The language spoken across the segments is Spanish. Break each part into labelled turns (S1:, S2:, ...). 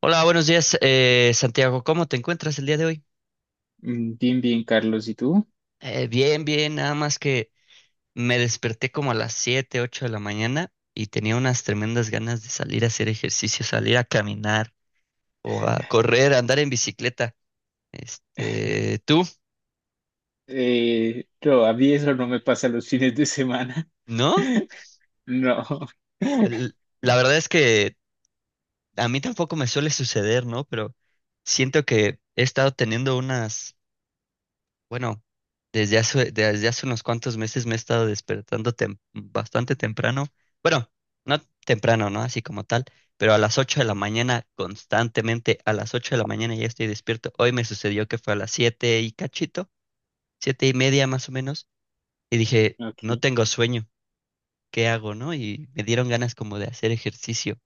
S1: Hola, buenos días, Santiago. ¿Cómo te encuentras el día de hoy?
S2: Bien, bien, Carlos, ¿y tú?
S1: Bien, bien, nada más que me desperté como a las 7, 8 de la mañana y tenía unas tremendas ganas de salir a hacer ejercicio, salir a caminar o a correr, a andar en bicicleta. Este, ¿tú?
S2: No, a mí eso no me pasa los fines de semana.
S1: ¿No?
S2: No.
S1: El- La verdad es que a mí tampoco me suele suceder, ¿no? Pero siento que he estado teniendo unas, bueno, desde hace unos cuantos meses me he estado despertando bastante temprano. Bueno, no temprano, ¿no? Así como tal, pero a las 8 de la mañana, constantemente, a las 8 de la mañana ya estoy despierto. Hoy me sucedió que fue a las 7 y cachito, siete y media más o menos, y dije, no
S2: Ok.
S1: tengo sueño, ¿qué hago, no? Y me dieron ganas como de hacer ejercicio.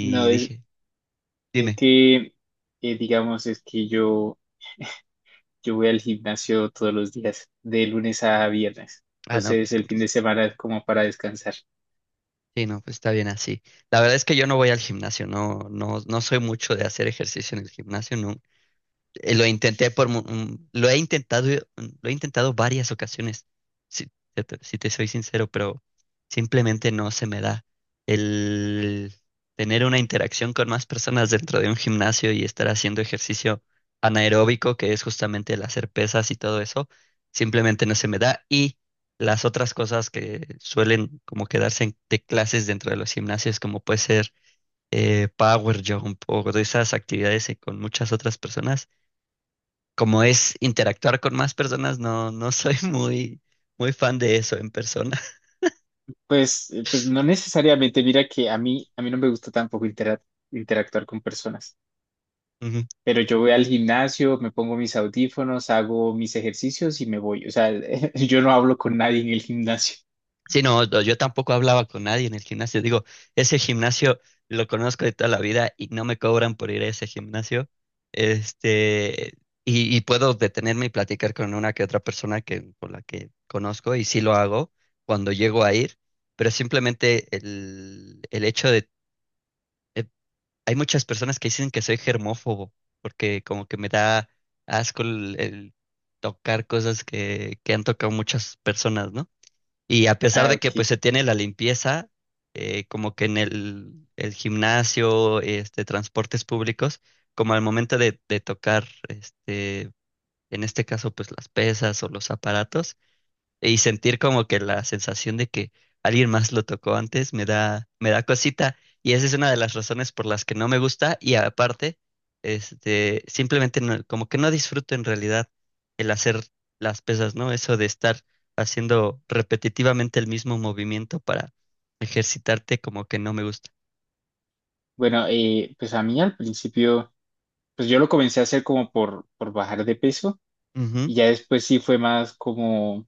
S2: No, es,
S1: dije,
S2: es
S1: dime,
S2: que, digamos, yo voy al gimnasio todos los días, de lunes a viernes.
S1: ah, no,
S2: Entonces,
S1: pues
S2: el
S1: con
S2: fin de
S1: razón.
S2: semana es como para descansar.
S1: Sí, no, pues está bien así. La verdad es que yo no voy al gimnasio, no, no, no soy mucho de hacer ejercicio en el gimnasio, no. Lo intenté lo he intentado, lo he intentado varias ocasiones, si, si te soy sincero, pero simplemente no se me da el tener una interacción con más personas dentro de un gimnasio y estar haciendo ejercicio anaeróbico, que es justamente el hacer pesas y todo eso, simplemente no se me da. Y las otras cosas que suelen como quedarse de clases dentro de los gimnasios, como puede ser power jump o de esas actividades con muchas otras personas como es interactuar con más personas, no, no soy muy, muy fan de eso en persona.
S2: Pues, pues no necesariamente, mira que a mí no me gusta tampoco interactuar con personas.
S1: Ujú.
S2: Pero yo voy al gimnasio, me pongo mis audífonos, hago mis ejercicios y me voy. O sea, yo no hablo con nadie en el gimnasio.
S1: Sí, no, no, yo tampoco hablaba con nadie en el gimnasio. Digo, ese gimnasio lo conozco de toda la vida y no me cobran por ir a ese gimnasio. Este, y puedo detenerme y platicar con una que otra persona que, con la que conozco y sí lo hago cuando llego a ir, pero simplemente el hecho de, eh, hay muchas personas que dicen que soy germófobo, porque como que me da asco el tocar cosas que han tocado muchas personas, ¿no? Y a pesar
S2: Ah,
S1: de que pues
S2: ok.
S1: se tiene la limpieza, como que en el gimnasio, este, transportes públicos, como al momento de tocar, este, en este caso pues las pesas o los aparatos, y sentir como que la sensación de que alguien más lo tocó antes me da cosita. Y esa es una de las razones por las que no me gusta. Y aparte, este, simplemente como que no disfruto en realidad el hacer las pesas, ¿no? Eso de estar haciendo repetitivamente el mismo movimiento para ejercitarte, como que no me gusta.
S2: Bueno, pues a mí al principio, pues yo lo comencé a hacer como por bajar de peso
S1: Ujú.
S2: y ya después sí fue más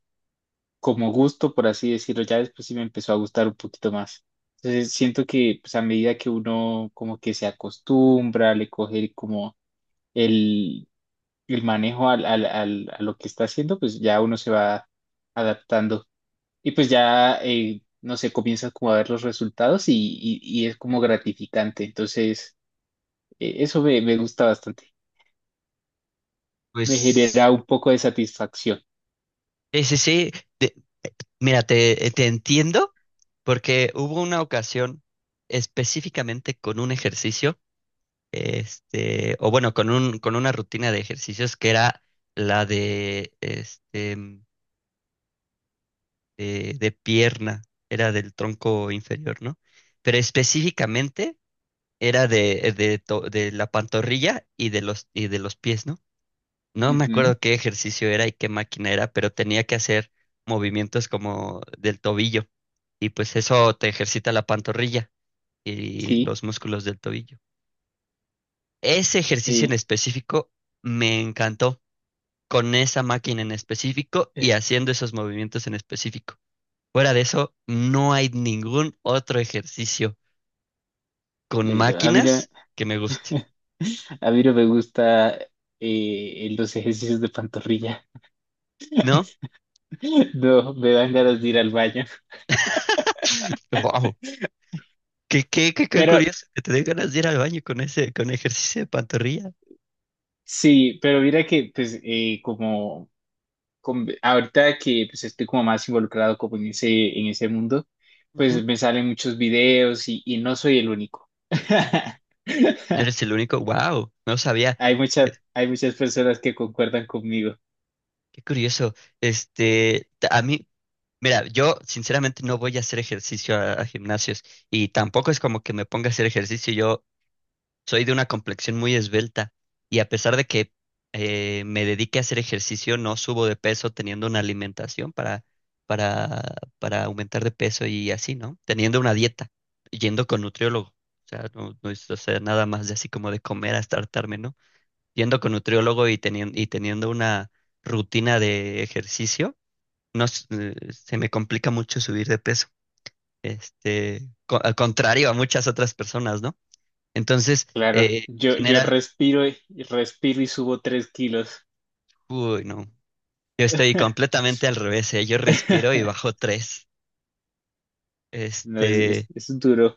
S2: como gusto, por así decirlo. Ya después sí me empezó a gustar un poquito más. Entonces siento que pues a medida que uno como que se acostumbra, le coge como el, el manejo al a lo que está haciendo, pues ya uno se va adaptando y pues ya, no sé, comienzas como a ver los resultados y es como gratificante. Entonces, eso me gusta bastante. Me
S1: Pues
S2: genera un poco de satisfacción.
S1: sí, sí, sí. Mira, te entiendo porque hubo una ocasión específicamente con un ejercicio este, o bueno, con un, con una rutina de ejercicios que era la de, este, de pierna, era del tronco inferior, ¿no? Pero específicamente era de, de la pantorrilla y de los pies, ¿no? No me
S2: Ujú,
S1: acuerdo qué ejercicio era y qué máquina era, pero tenía que hacer movimientos como del tobillo. Y pues eso te ejercita la pantorrilla y
S2: sí,
S1: los músculos del tobillo. Ese ejercicio en
S2: sí.
S1: específico me encantó con esa máquina en específico y haciendo esos movimientos en específico. Fuera de eso, no hay ningún otro ejercicio con
S2: No, a mí no,
S1: máquinas que me guste,
S2: a mí no me gusta los ejercicios de pantorrilla.
S1: ¿no?
S2: No, me dan ganas de ir al baño.
S1: ¡Wow! Qué, qué, qué, qué
S2: Pero
S1: curioso que te den ganas de ir al baño con ese, con ejercicio de pantorrilla.
S2: sí, pero mira que pues ahorita que pues, estoy como más involucrado como en en ese mundo,
S1: Ujú.
S2: pues me salen muchos videos y no soy el único.
S1: Eres el único, wow, no sabía.
S2: Hay
S1: Eh,
S2: mucha, hay muchas personas que concuerdan conmigo.
S1: qué curioso. Este, a mí, mira, yo sinceramente no voy a hacer ejercicio a gimnasios y tampoco es como que me ponga a hacer ejercicio. Yo soy de una complexión muy esbelta y a pesar de que me dedique a hacer ejercicio, no subo de peso teniendo una alimentación para, para aumentar de peso y así, ¿no? Teniendo una dieta, yendo con nutriólogo. O sea, no, no es o sea, nada más de así como de comer hasta hartarme, ¿no? Yendo con nutriólogo y teniendo una rutina de ejercicio, no, se me complica mucho subir de peso. Este, al contrario a muchas otras personas, ¿no? Entonces,
S2: Claro, yo
S1: general
S2: respiro y respiro y subo 3 kilos.
S1: Uy, no. Yo estoy completamente al revés, ¿eh? Yo respiro y bajo tres.
S2: No,
S1: Este,
S2: es duro.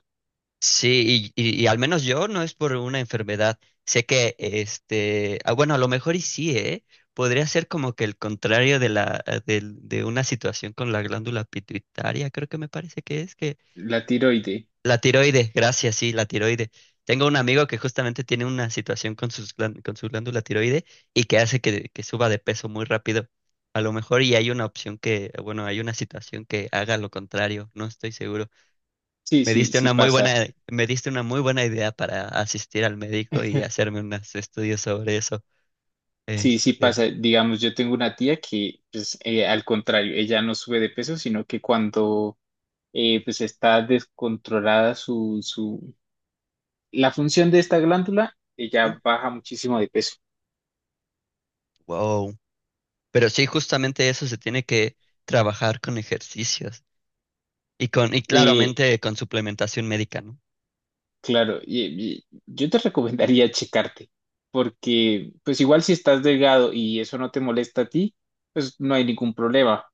S1: sí, y al menos yo no es por una enfermedad. Sé que, este, ah, bueno, a lo mejor y sí, ¿eh? Podría ser como que el contrario de de, una situación con la glándula pituitaria, creo que me parece que es,
S2: La tiroide.
S1: la tiroide, gracias, sí, la tiroide. Tengo un amigo que justamente tiene una situación con con su glándula tiroide y que hace que suba de peso muy rápido. A lo mejor y hay una opción que, bueno, hay una situación que haga lo contrario, no estoy seguro.
S2: Sí,
S1: Me
S2: sí,
S1: diste
S2: sí
S1: una muy
S2: pasa.
S1: buena, me diste una muy buena idea para asistir al médico y hacerme unos estudios sobre eso.
S2: Sí, sí
S1: Este,
S2: pasa. Digamos, yo tengo una tía que, pues, al contrario, ella no sube de peso, sino que cuando pues está descontrolada la función de esta glándula,
S1: mm,
S2: ella baja muchísimo de peso.
S1: wow. Pero sí, justamente eso se tiene que trabajar con ejercicios y con, y
S2: Eh,
S1: claramente con suplementación médica, ¿no?
S2: claro, y yo te recomendaría checarte, porque pues igual si estás delgado y eso no te molesta a ti, pues no hay ningún problema,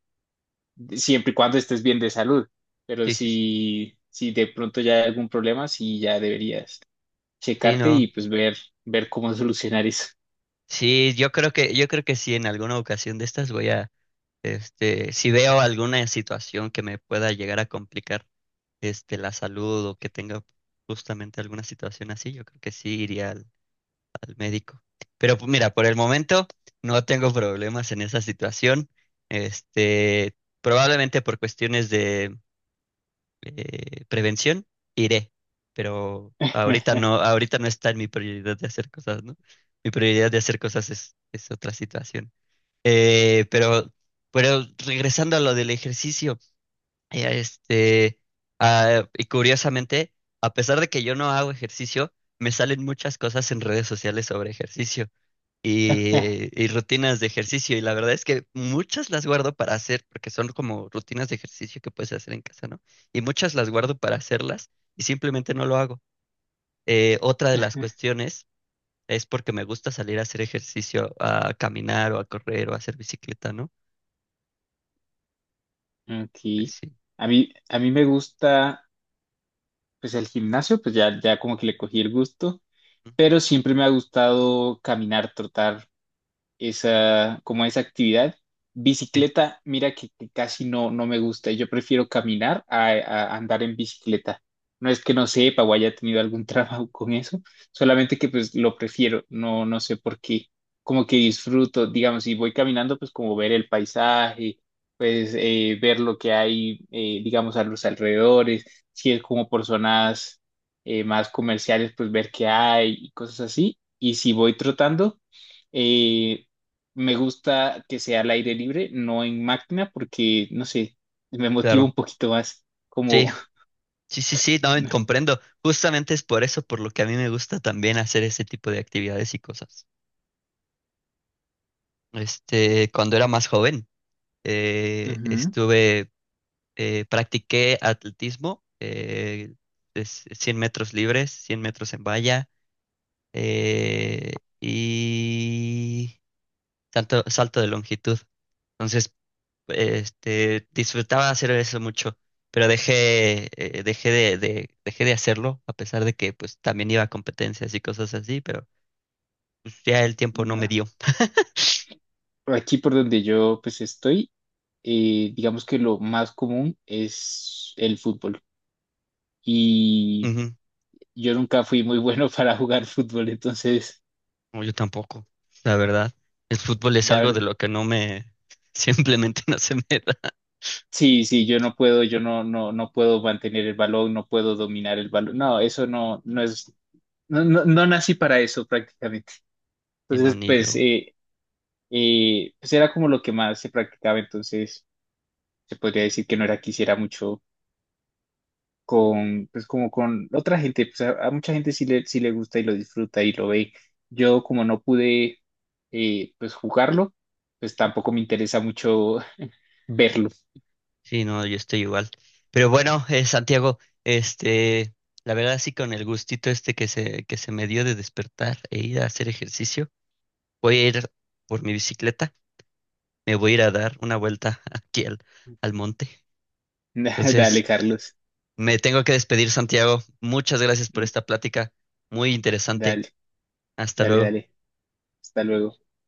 S2: de- siempre y cuando estés bien de salud. Pero
S1: Sí, sí, sí.
S2: si de pronto ya hay algún problema, sí ya deberías
S1: Sí,
S2: checarte
S1: no.
S2: y pues ver, ver cómo solucionar eso.
S1: Sí, yo creo que sí, en alguna ocasión de estas voy a, este, si veo alguna situación que me pueda llegar a complicar, este, la salud o que tenga justamente alguna situación así, yo creo que sí iría al, al médico. Pero pues, mira, por el momento no tengo problemas en esa situación. Este, probablemente por cuestiones de prevención, iré. Pero ahorita no está en mi prioridad de hacer cosas, ¿no? Mi prioridad de hacer cosas es otra situación. Eh, pero, pero regresando a lo del ejercicio, este, ah, y curiosamente, a pesar de que yo no hago ejercicio, me salen muchas cosas en redes sociales sobre ejercicio y rutinas de ejercicio. Y la verdad es que muchas las guardo para hacer, porque son como rutinas de ejercicio que puedes hacer en casa, ¿no? Y muchas las guardo para hacerlas y simplemente no lo hago. Otra de las cuestiones es porque me gusta salir a hacer ejercicio, a caminar o a correr o a hacer bicicleta, ¿no?
S2: Ok.
S1: Sí,
S2: A mí me gusta pues el gimnasio, pues ya como que le cogí el gusto,
S1: mm,
S2: pero siempre me ha gustado caminar, trotar, esa, como esa actividad.
S1: sí,
S2: Bicicleta, mira que casi no, no me gusta. Yo prefiero caminar a andar en bicicleta. No es que no sepa o haya tenido algún trabajo con eso, solamente que pues lo prefiero. No, no sé por qué. Como que disfruto, digamos, si voy caminando, pues como ver el paisaje, pues ver lo que hay, digamos, a los alrededores. Si es como por zonas más comerciales, pues ver qué hay y cosas así. Y si voy trotando, eh, me gusta que sea al aire libre, no en máquina, porque, no sé, me motiva
S1: claro.
S2: un poquito más,
S1: Sí,
S2: como,
S1: sí, sí, sí, no, comprendo. Justamente es por eso por lo que a mí me gusta también hacer ese tipo de actividades y cosas. Este, cuando era más joven,
S2: ujú.
S1: estuve practiqué atletismo, es 100 metros libres, 100 metros en valla y salto, salto de longitud. Entonces, este, disfrutaba hacer eso mucho, pero dejé, dejé de hacerlo, a pesar de que pues también iba a competencias y cosas así, pero pues, ya el tiempo no me
S2: No.
S1: dio.
S2: Por aquí por donde yo pues estoy, digamos que lo más común es el fútbol. Y
S1: Ujú.
S2: yo nunca fui muy bueno para jugar fútbol, entonces,
S1: No, yo tampoco, la verdad. El fútbol es
S2: la
S1: algo de
S2: verdad,
S1: lo que no me, simplemente no se me da.
S2: sí, sí, yo no, no, no puedo mantener el balón, no puedo dominar el balón. No es, no, no, no nací para eso prácticamente.
S1: Y no,
S2: Entonces,
S1: ni
S2: pues,
S1: yo.
S2: y pues era como lo que más se practicaba, entonces se podría decir que no era que hiciera mucho con, pues como con otra gente, pues a mucha gente sí sí le gusta y lo disfruta y lo ve. Yo como no pude pues jugarlo, pues tampoco me interesa mucho verlo.
S1: Sí, no, yo estoy igual. Pero bueno, Santiago, este, la verdad sí con el gustito este que se me dio de despertar e ir a hacer ejercicio, voy a ir por mi bicicleta, me voy a ir a dar una vuelta aquí al, al monte. Entonces,
S2: Dale, Carlos.
S1: me tengo que despedir, Santiago. Muchas gracias por esta plática, muy interesante.
S2: Dale,
S1: Hasta
S2: dale,
S1: luego.
S2: dale. Hasta luego.